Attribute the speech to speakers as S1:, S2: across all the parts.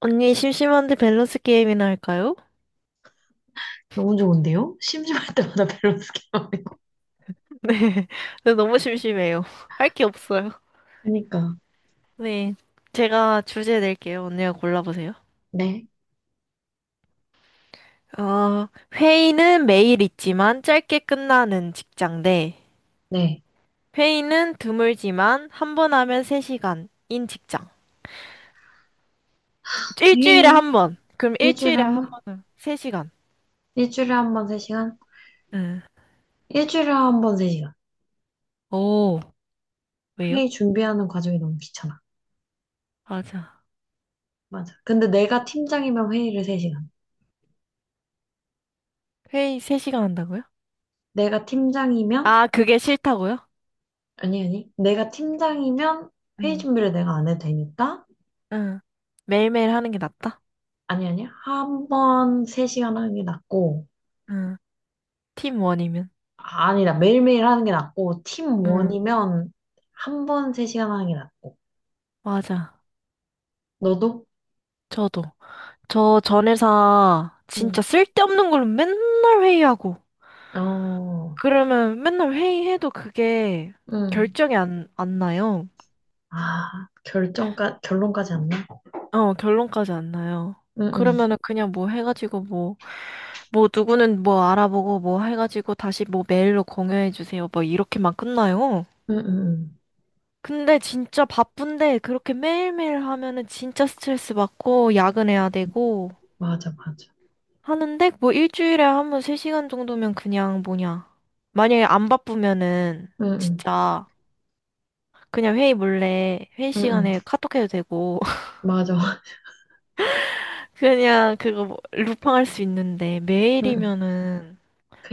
S1: 언니, 심심한데 밸런스 게임이나 할까요?
S2: 너무 좋은데요? 심심할 때마다 밸런스 게임 하고.
S1: 네. 네, 너무 심심해요. 할 게 없어요.
S2: 그니까.
S1: 네. 제가 주제 낼게요. 언니가 골라보세요.
S2: 네.
S1: 어, 회의는 매일 있지만 짧게 끝나는 직장 대
S2: 네.
S1: 회의는 드물지만 한 번 하면 3시간인 직장. 일주일에
S2: 회의
S1: 한 번. 그럼
S2: 일주일에
S1: 일주일에
S2: 한
S1: 한
S2: 번?
S1: 번은 3시간.
S2: 일주일에 한 번 3시간.
S1: 응.
S2: 일주일에 한 번 3시간.
S1: 오, 왜요?
S2: 회의 준비하는 과정이 너무 귀찮아.
S1: 맞아.
S2: 맞아. 근데 내가 팀장이면 회의를 3시간,
S1: 회의 3시간 한다고요?
S2: 내가 팀장이면,
S1: 아, 그게 싫다고요?
S2: 아니, 아니. 내가 팀장이면 회의
S1: 응.
S2: 준비를 내가 안 해도 되니까,
S1: 응. 매일매일 하는 게 낫다?
S2: 아니, 아니. 한 번 3시간 하는 게 낫고,
S1: 응 팀 원이면.
S2: 아, 아니다. 매일매일 하는 게 낫고,
S1: 응,
S2: 팀원이면 한 번 3시간 하는 게 낫고.
S1: 맞아.
S2: 너도?
S1: 저도. 전 회사 진짜 쓸데없는 걸로 맨날 회의하고.
S2: 어,
S1: 그러면 맨날 회의해도 그게
S2: 응,
S1: 결정이 안 나요.
S2: 아, 결론까지 안 나?
S1: 어, 결론까지 안 나요.
S2: 응, 응,
S1: 그러면은 그냥 뭐 해가지고 뭐, 뭐 누구는 뭐 알아보고 뭐 해가지고 다시 뭐 메일로 공유해주세요. 뭐 이렇게만 끝나요.
S2: 응, 응, 응.
S1: 근데 진짜 바쁜데 그렇게 매일매일 하면은 진짜 스트레스 받고 야근해야 되고
S2: 맞아, 맞아.
S1: 하는데 뭐 일주일에 한 번 3시간 정도면 그냥 뭐냐. 만약에 안 바쁘면은
S2: 응, 응,
S1: 진짜 그냥 회의 몰래 회의
S2: 응, 응.
S1: 시간에 카톡 해도 되고
S2: 맞아.
S1: 그냥 그거 뭐 루팡할 수 있는데
S2: 응, 응.
S1: 매일이면은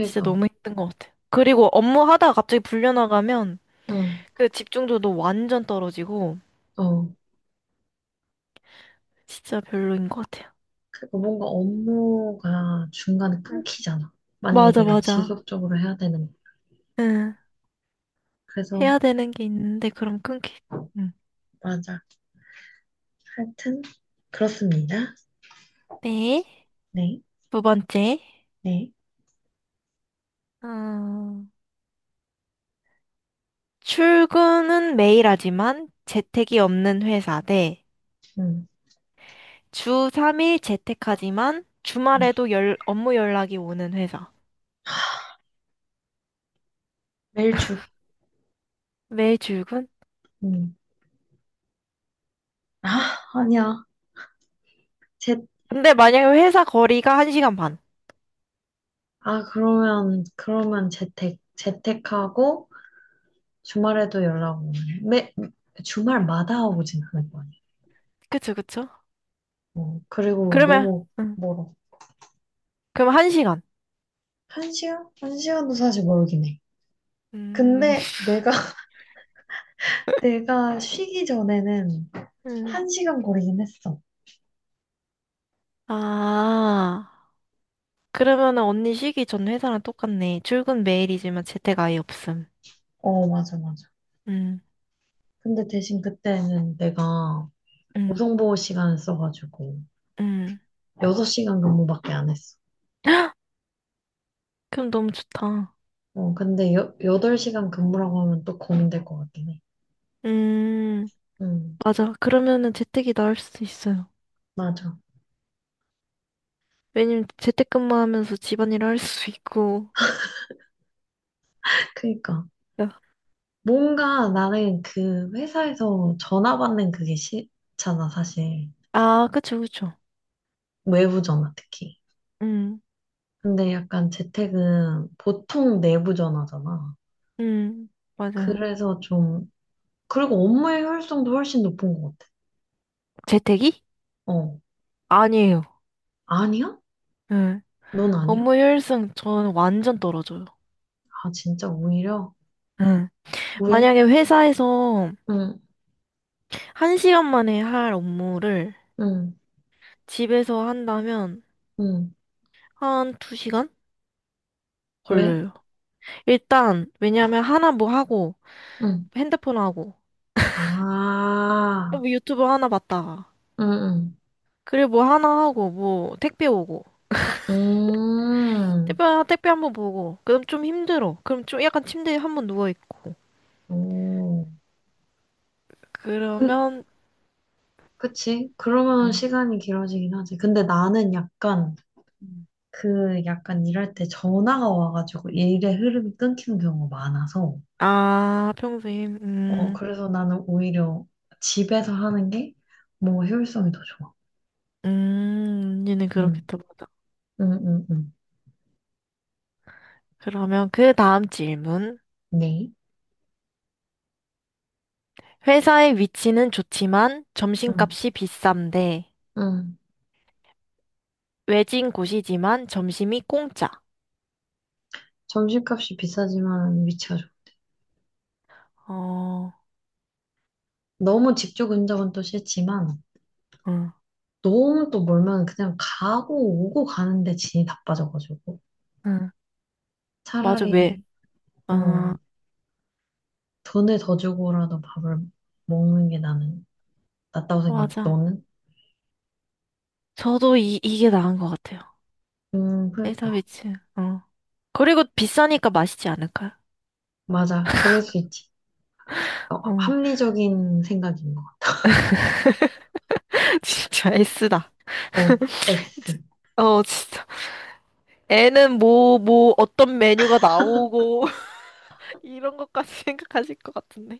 S1: 진짜 너무 힘든 것 같아. 그리고 업무 하다가 갑자기 불려나가면
S2: 응,
S1: 그 집중도도 완전 떨어지고
S2: 어.
S1: 진짜 별로인 것 같아요.
S2: 그니까 뭔가 업무가 중간에
S1: 응.
S2: 끊기잖아. 만약에
S1: 맞아,
S2: 내가
S1: 맞아.
S2: 지속적으로 해야 되는.
S1: 응.
S2: 그래서,
S1: 해야 되는 게 있는데 그럼 끊기. 응.
S2: 맞아. 하여튼, 그렇습니다.
S1: 네.
S2: 네,
S1: 두 번째.
S2: 네,
S1: 어... 출근은 매일 하지만 재택이 없는 회사 대
S2: 응,
S1: 주 3일 재택하지만 주말에도 열, 업무 연락이 오는 회사.
S2: 매일 출근.
S1: 매일 출근?
S2: 응. 아, 아니야. 재,
S1: 근데 만약에 회사 거리가 1시간 반.
S2: 아, 그러면, 그러면 재택, 재택하고, 주말에도 연락 오고, 매, 주말마다 오진 않을 거 아니야.
S1: 그쵸, 그쵸?
S2: 어, 그리고
S1: 그러면,
S2: 너무
S1: 응.
S2: 멀어.
S1: 그럼 1시간.
S2: 한 시간? 한 시간도 사실 멀긴 해.
S1: 음.
S2: 근데 내가, 내가 쉬기 전에는
S1: 음.
S2: 1시간 거리긴 했어.
S1: 아, 그러면은 언니 쉬기 전 회사랑 똑같네. 출근 매일이지만 재택 아예 없음.
S2: 어, 맞아, 맞아.
S1: 음,
S2: 근데 대신 그때는 내가
S1: 음,
S2: 우성보호 시간을 써가지고
S1: 음.
S2: 6시간 근무밖에 안 했어.
S1: 그럼 너무 좋다.
S2: 어, 근데 덟시간 근무라고 하면 또 고민될 것 같긴 해.
S1: 음,
S2: 음,
S1: 맞아. 그러면은 재택이 나을 수도 있어요.
S2: 맞아.
S1: 왜냐면 재택근무하면서 집안일 할 수 있고.
S2: 그니까.
S1: 야.
S2: 뭔가 나는 그 회사에서 전화 받는 그게 싫잖아, 사실.
S1: 아, 그쵸, 그쵸.
S2: 외부 전화 특히.
S1: 음,
S2: 근데 약간 재택은 보통 내부 전화잖아.
S1: 음, 맞아요.
S2: 그래서 좀, 그리고 업무의 효율성도 훨씬 높은 것 같아.
S1: 재택이?
S2: 어,
S1: 아니에요.
S2: 아니야?
S1: 예.
S2: 넌 아니야?
S1: 업무 효율성 저는 완전 떨어져요.
S2: 아, 진짜 오히려?
S1: 예.
S2: 왜?
S1: 만약에 회사에서
S2: 응,
S1: 한시간 만에 할 업무를
S2: 응,
S1: 집에서 한다면
S2: 응.
S1: 한 두시간
S2: 왜?
S1: 걸려요. 일단, 왜냐면 하나 뭐 하고,
S2: 응.
S1: 핸드폰 하고,
S2: 아,
S1: 뭐 유튜브 하나 봤다가,
S2: 응, 응.
S1: 그리고 뭐 하나 하고, 뭐 택배 오고,
S2: 음,
S1: 택배 한 번 보고, 그럼 좀 힘들어. 그럼 좀 약간 침대에 한번 누워있고.
S2: 오. 그
S1: 그러면,
S2: 그치? 그러면
S1: 음.
S2: 시간이 길어지긴 하지. 근데 나는 약간
S1: 음.
S2: 그 약간 일할 때 전화가 와가지고 일의 흐름이 끊기는 경우가 많아서,
S1: 아, 평소에,
S2: 어, 그래서 나는 오히려 집에서 하는 게 뭐 효율성이 더 좋아.
S1: 언니는
S2: 응,
S1: 그렇겠다, 맞아.
S2: 응, 응, 응.
S1: 그러면 그 다음 질문.
S2: 네.
S1: 회사의 위치는 좋지만
S2: 응,
S1: 점심값이 비싼데,
S2: 응.
S1: 외진 곳이지만 점심이 공짜.
S2: 점심값이 비싸지만 위치가 좋아.
S1: 어,
S2: 너무 직조 근접은 또 싫지만
S1: 응,
S2: 너무 또 멀면 그냥 가고 오고 가는데 진이 바빠져가지고,
S1: 응. 맞아, 왜?
S2: 차라리 어
S1: 어,
S2: 돈을 더 주고라도 밥을 먹는 게 나는 낫다고 생각해.
S1: 맞아.
S2: 너는?
S1: 저도 이게 나은 것 같아요. 회사
S2: 그러니까.
S1: 위치, 어. 그리고 비싸니까 맛있지 않을까요?
S2: 맞아. 그럴 수 있지. 어,
S1: 어,
S2: 합리적인 생각인 것 같아.
S1: 진짜 S다.
S2: 어,
S1: 진-
S2: S.
S1: 어, 진짜. 애는 뭐, 어떤 메뉴가 나오고, 이런 것까지 생각하실 것 같은데.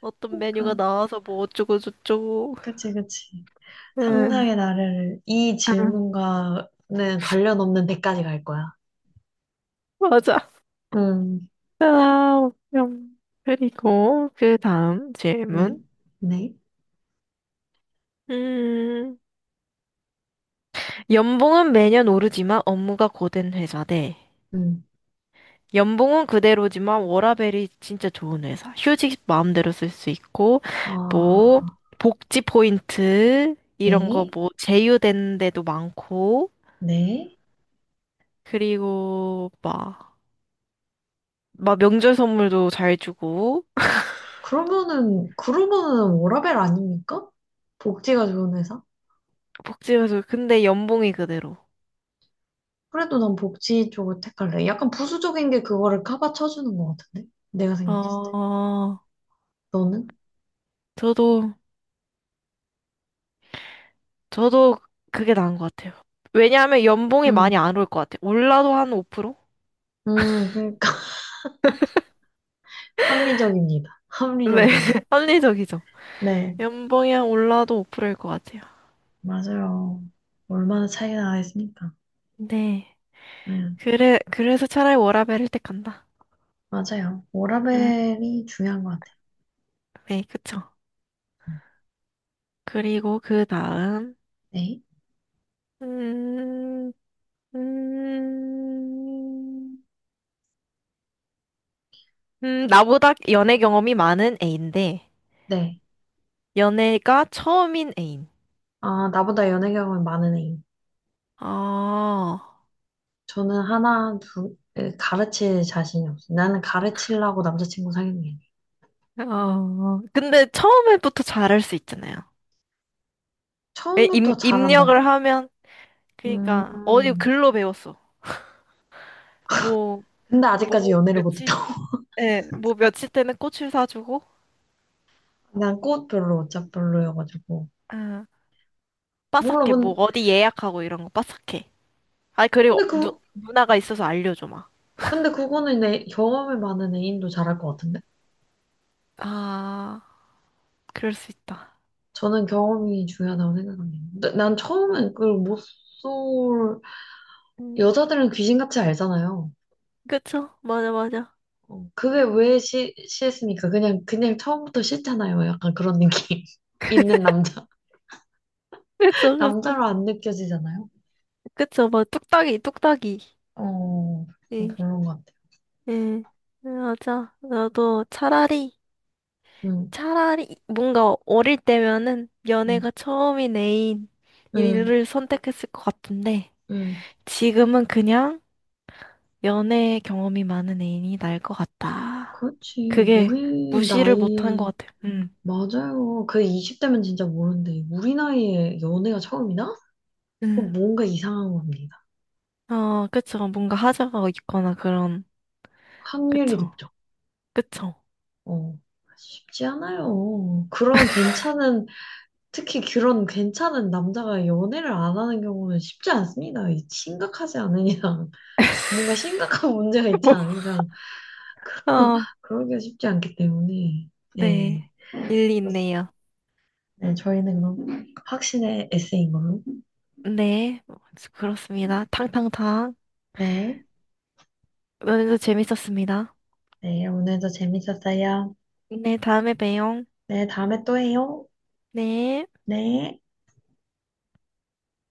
S1: 어떤 메뉴가
S2: 그러니까.
S1: 나와서 뭐 어쩌고저쩌고.
S2: 그치, 그치.
S1: 응,
S2: 상상의 나래를, 이
S1: 아,
S2: 질문과는 관련 없는 데까지 갈 거야.
S1: 맞아.
S2: 음,
S1: 아, 그리고, 그 다음
S2: 네.
S1: 질문.
S2: 네.
S1: 음, 연봉은 매년 오르지만 업무가 고된 회사 대,
S2: 음,
S1: 연봉은 그대로지만 워라밸이 진짜 좋은 회사. 휴직 마음대로 쓸 수 있고, 뭐,
S2: 아,
S1: 복지 포인트, 이런 거
S2: 네.
S1: 뭐, 제휴되는 데도 많고,
S2: 네.
S1: 그리고 막, 막 명절 선물도 잘 주고,
S2: 그러면은, 그러면은 워라밸 아닙니까? 복지가 좋은 회사?
S1: 복지에서, 근데 연봉이 그대로.
S2: 그래도 난 복지 쪽을 택할래. 약간 부수적인 게 그거를 커버 쳐주는 것 같은데? 내가 생각했을 때.
S1: 어,
S2: 너는?
S1: 저도, 저도 그게 나은 것 같아요. 왜냐하면 연봉이 많이
S2: 응,
S1: 안 올 것 같아요. 올라도 한 5%?
S2: 응, 그러니까. 합리적입니다.
S1: 네,
S2: 합리적이에요.
S1: 합리적이죠.
S2: 네,
S1: 연봉이 한 올라도 5%일 것 같아요.
S2: 맞아요. 얼마나 차이가 나겠습니까?
S1: 네.
S2: 네,
S1: 그래, 그래서 차라리 워라밸을 택한다.
S2: 맞아요.
S1: 응,
S2: 워라밸이 중요한 것 같아요.
S1: 네, 그쵸. 그리고 그 다음,
S2: 네,
S1: 음, 음, 나보다 연애 경험이 많은 애인데,
S2: 네.
S1: 연애가 처음인 애인.
S2: 아, 나보다 연애 경험이 많은 애인.
S1: 아,
S2: 저는 하나, 둘, 에, 가르칠 자신이 없어. 나는 가르치려고 남자친구 사귀는 게 아니에요.
S1: 어, 근데 처음에부터 잘할 수 있잖아요.
S2: 처음부터
S1: 입력을
S2: 잘한다고?
S1: 하면, 그니까, 어디
S2: 음,
S1: 글로 배웠어. 뭐,
S2: 근데 아직까지 연애를
S1: 며칠,
S2: 못했다.
S1: 예, 뭐, 며칠 때는 꽃을 사주고,
S2: 난 꽃 별로 어차피 별로여가지고
S1: 아,
S2: 몰라.
S1: 빠삭해. 뭐 어디 예약하고 이런 거 빠삭해. 아니 그리고
S2: 근데 그
S1: 누나가 있어서 알려줘 막.
S2: 근데 그거는 내 경험이 많은 애인도 잘할 것 같은데,
S1: 아, 그럴 수 있다.
S2: 저는 경험이 중요하다고 생각합니다. 난 처음엔 그걸 못 쏠
S1: 음,
S2: 여자들은 귀신같이 알잖아요.
S1: 그쵸? 맞아, 맞아.
S2: 어, 그게 왜 했습니까? 그냥 그냥 처음부터 싫잖아요. 약간 그런 느낌 있는 남자
S1: 그쵸, 그쵸.
S2: 남자로 안 느껴지잖아요.
S1: 그쵸, 뭐 뚝딱이, 뚝딱이.
S2: 어, 그건
S1: 예,
S2: 별로인 것 같아요.
S1: 예, 네, 맞아. 나도 차라리,
S2: 응,
S1: 차라리 뭔가 어릴 때면은
S2: 응,
S1: 연애가 처음인 애인
S2: 응,
S1: 이를 선택했을 것 같은데
S2: 응.
S1: 지금은 그냥 연애 경험이 많은 애인이 나을 것 같다.
S2: 그렇지
S1: 그게
S2: 우리
S1: 무시를 못 한 것
S2: 나이에.
S1: 같아요. 음.
S2: 맞아요. 그 20대면 진짜 모르는데, 우리 나이에 연애가 처음이나?
S1: 음,
S2: 그건 뭔가 이상한 겁니다.
S1: 어, 그쵸. 뭔가 하자가 있거나 그런,
S2: 확률이
S1: 그쵸.
S2: 높죠.
S1: 그쵸.
S2: 어, 쉽지 않아요. 그런 괜찮은, 특히 그런 괜찮은 남자가 연애를 안 하는 경우는 쉽지 않습니다. 이 심각하지 않은 이상, 뭔가 심각한 문제가 있지
S1: 뭐,
S2: 않은 이상,
S1: 어,
S2: 그러기가 쉽지 않기 때문에.
S1: 네.
S2: 네.
S1: 일리
S2: 그렇습니다.
S1: 있네요.
S2: 네, 저희는 그럼 확신의 에세이인 걸로.
S1: 네. 뭐, 그렇습니다. 탕탕탕.
S2: 네.
S1: 오늘도 재밌었습니다.
S2: 네, 오늘도 재밌었어요.
S1: 네, 다음에 봬요.
S2: 네, 다음에 또 해요.
S1: 네.
S2: 네.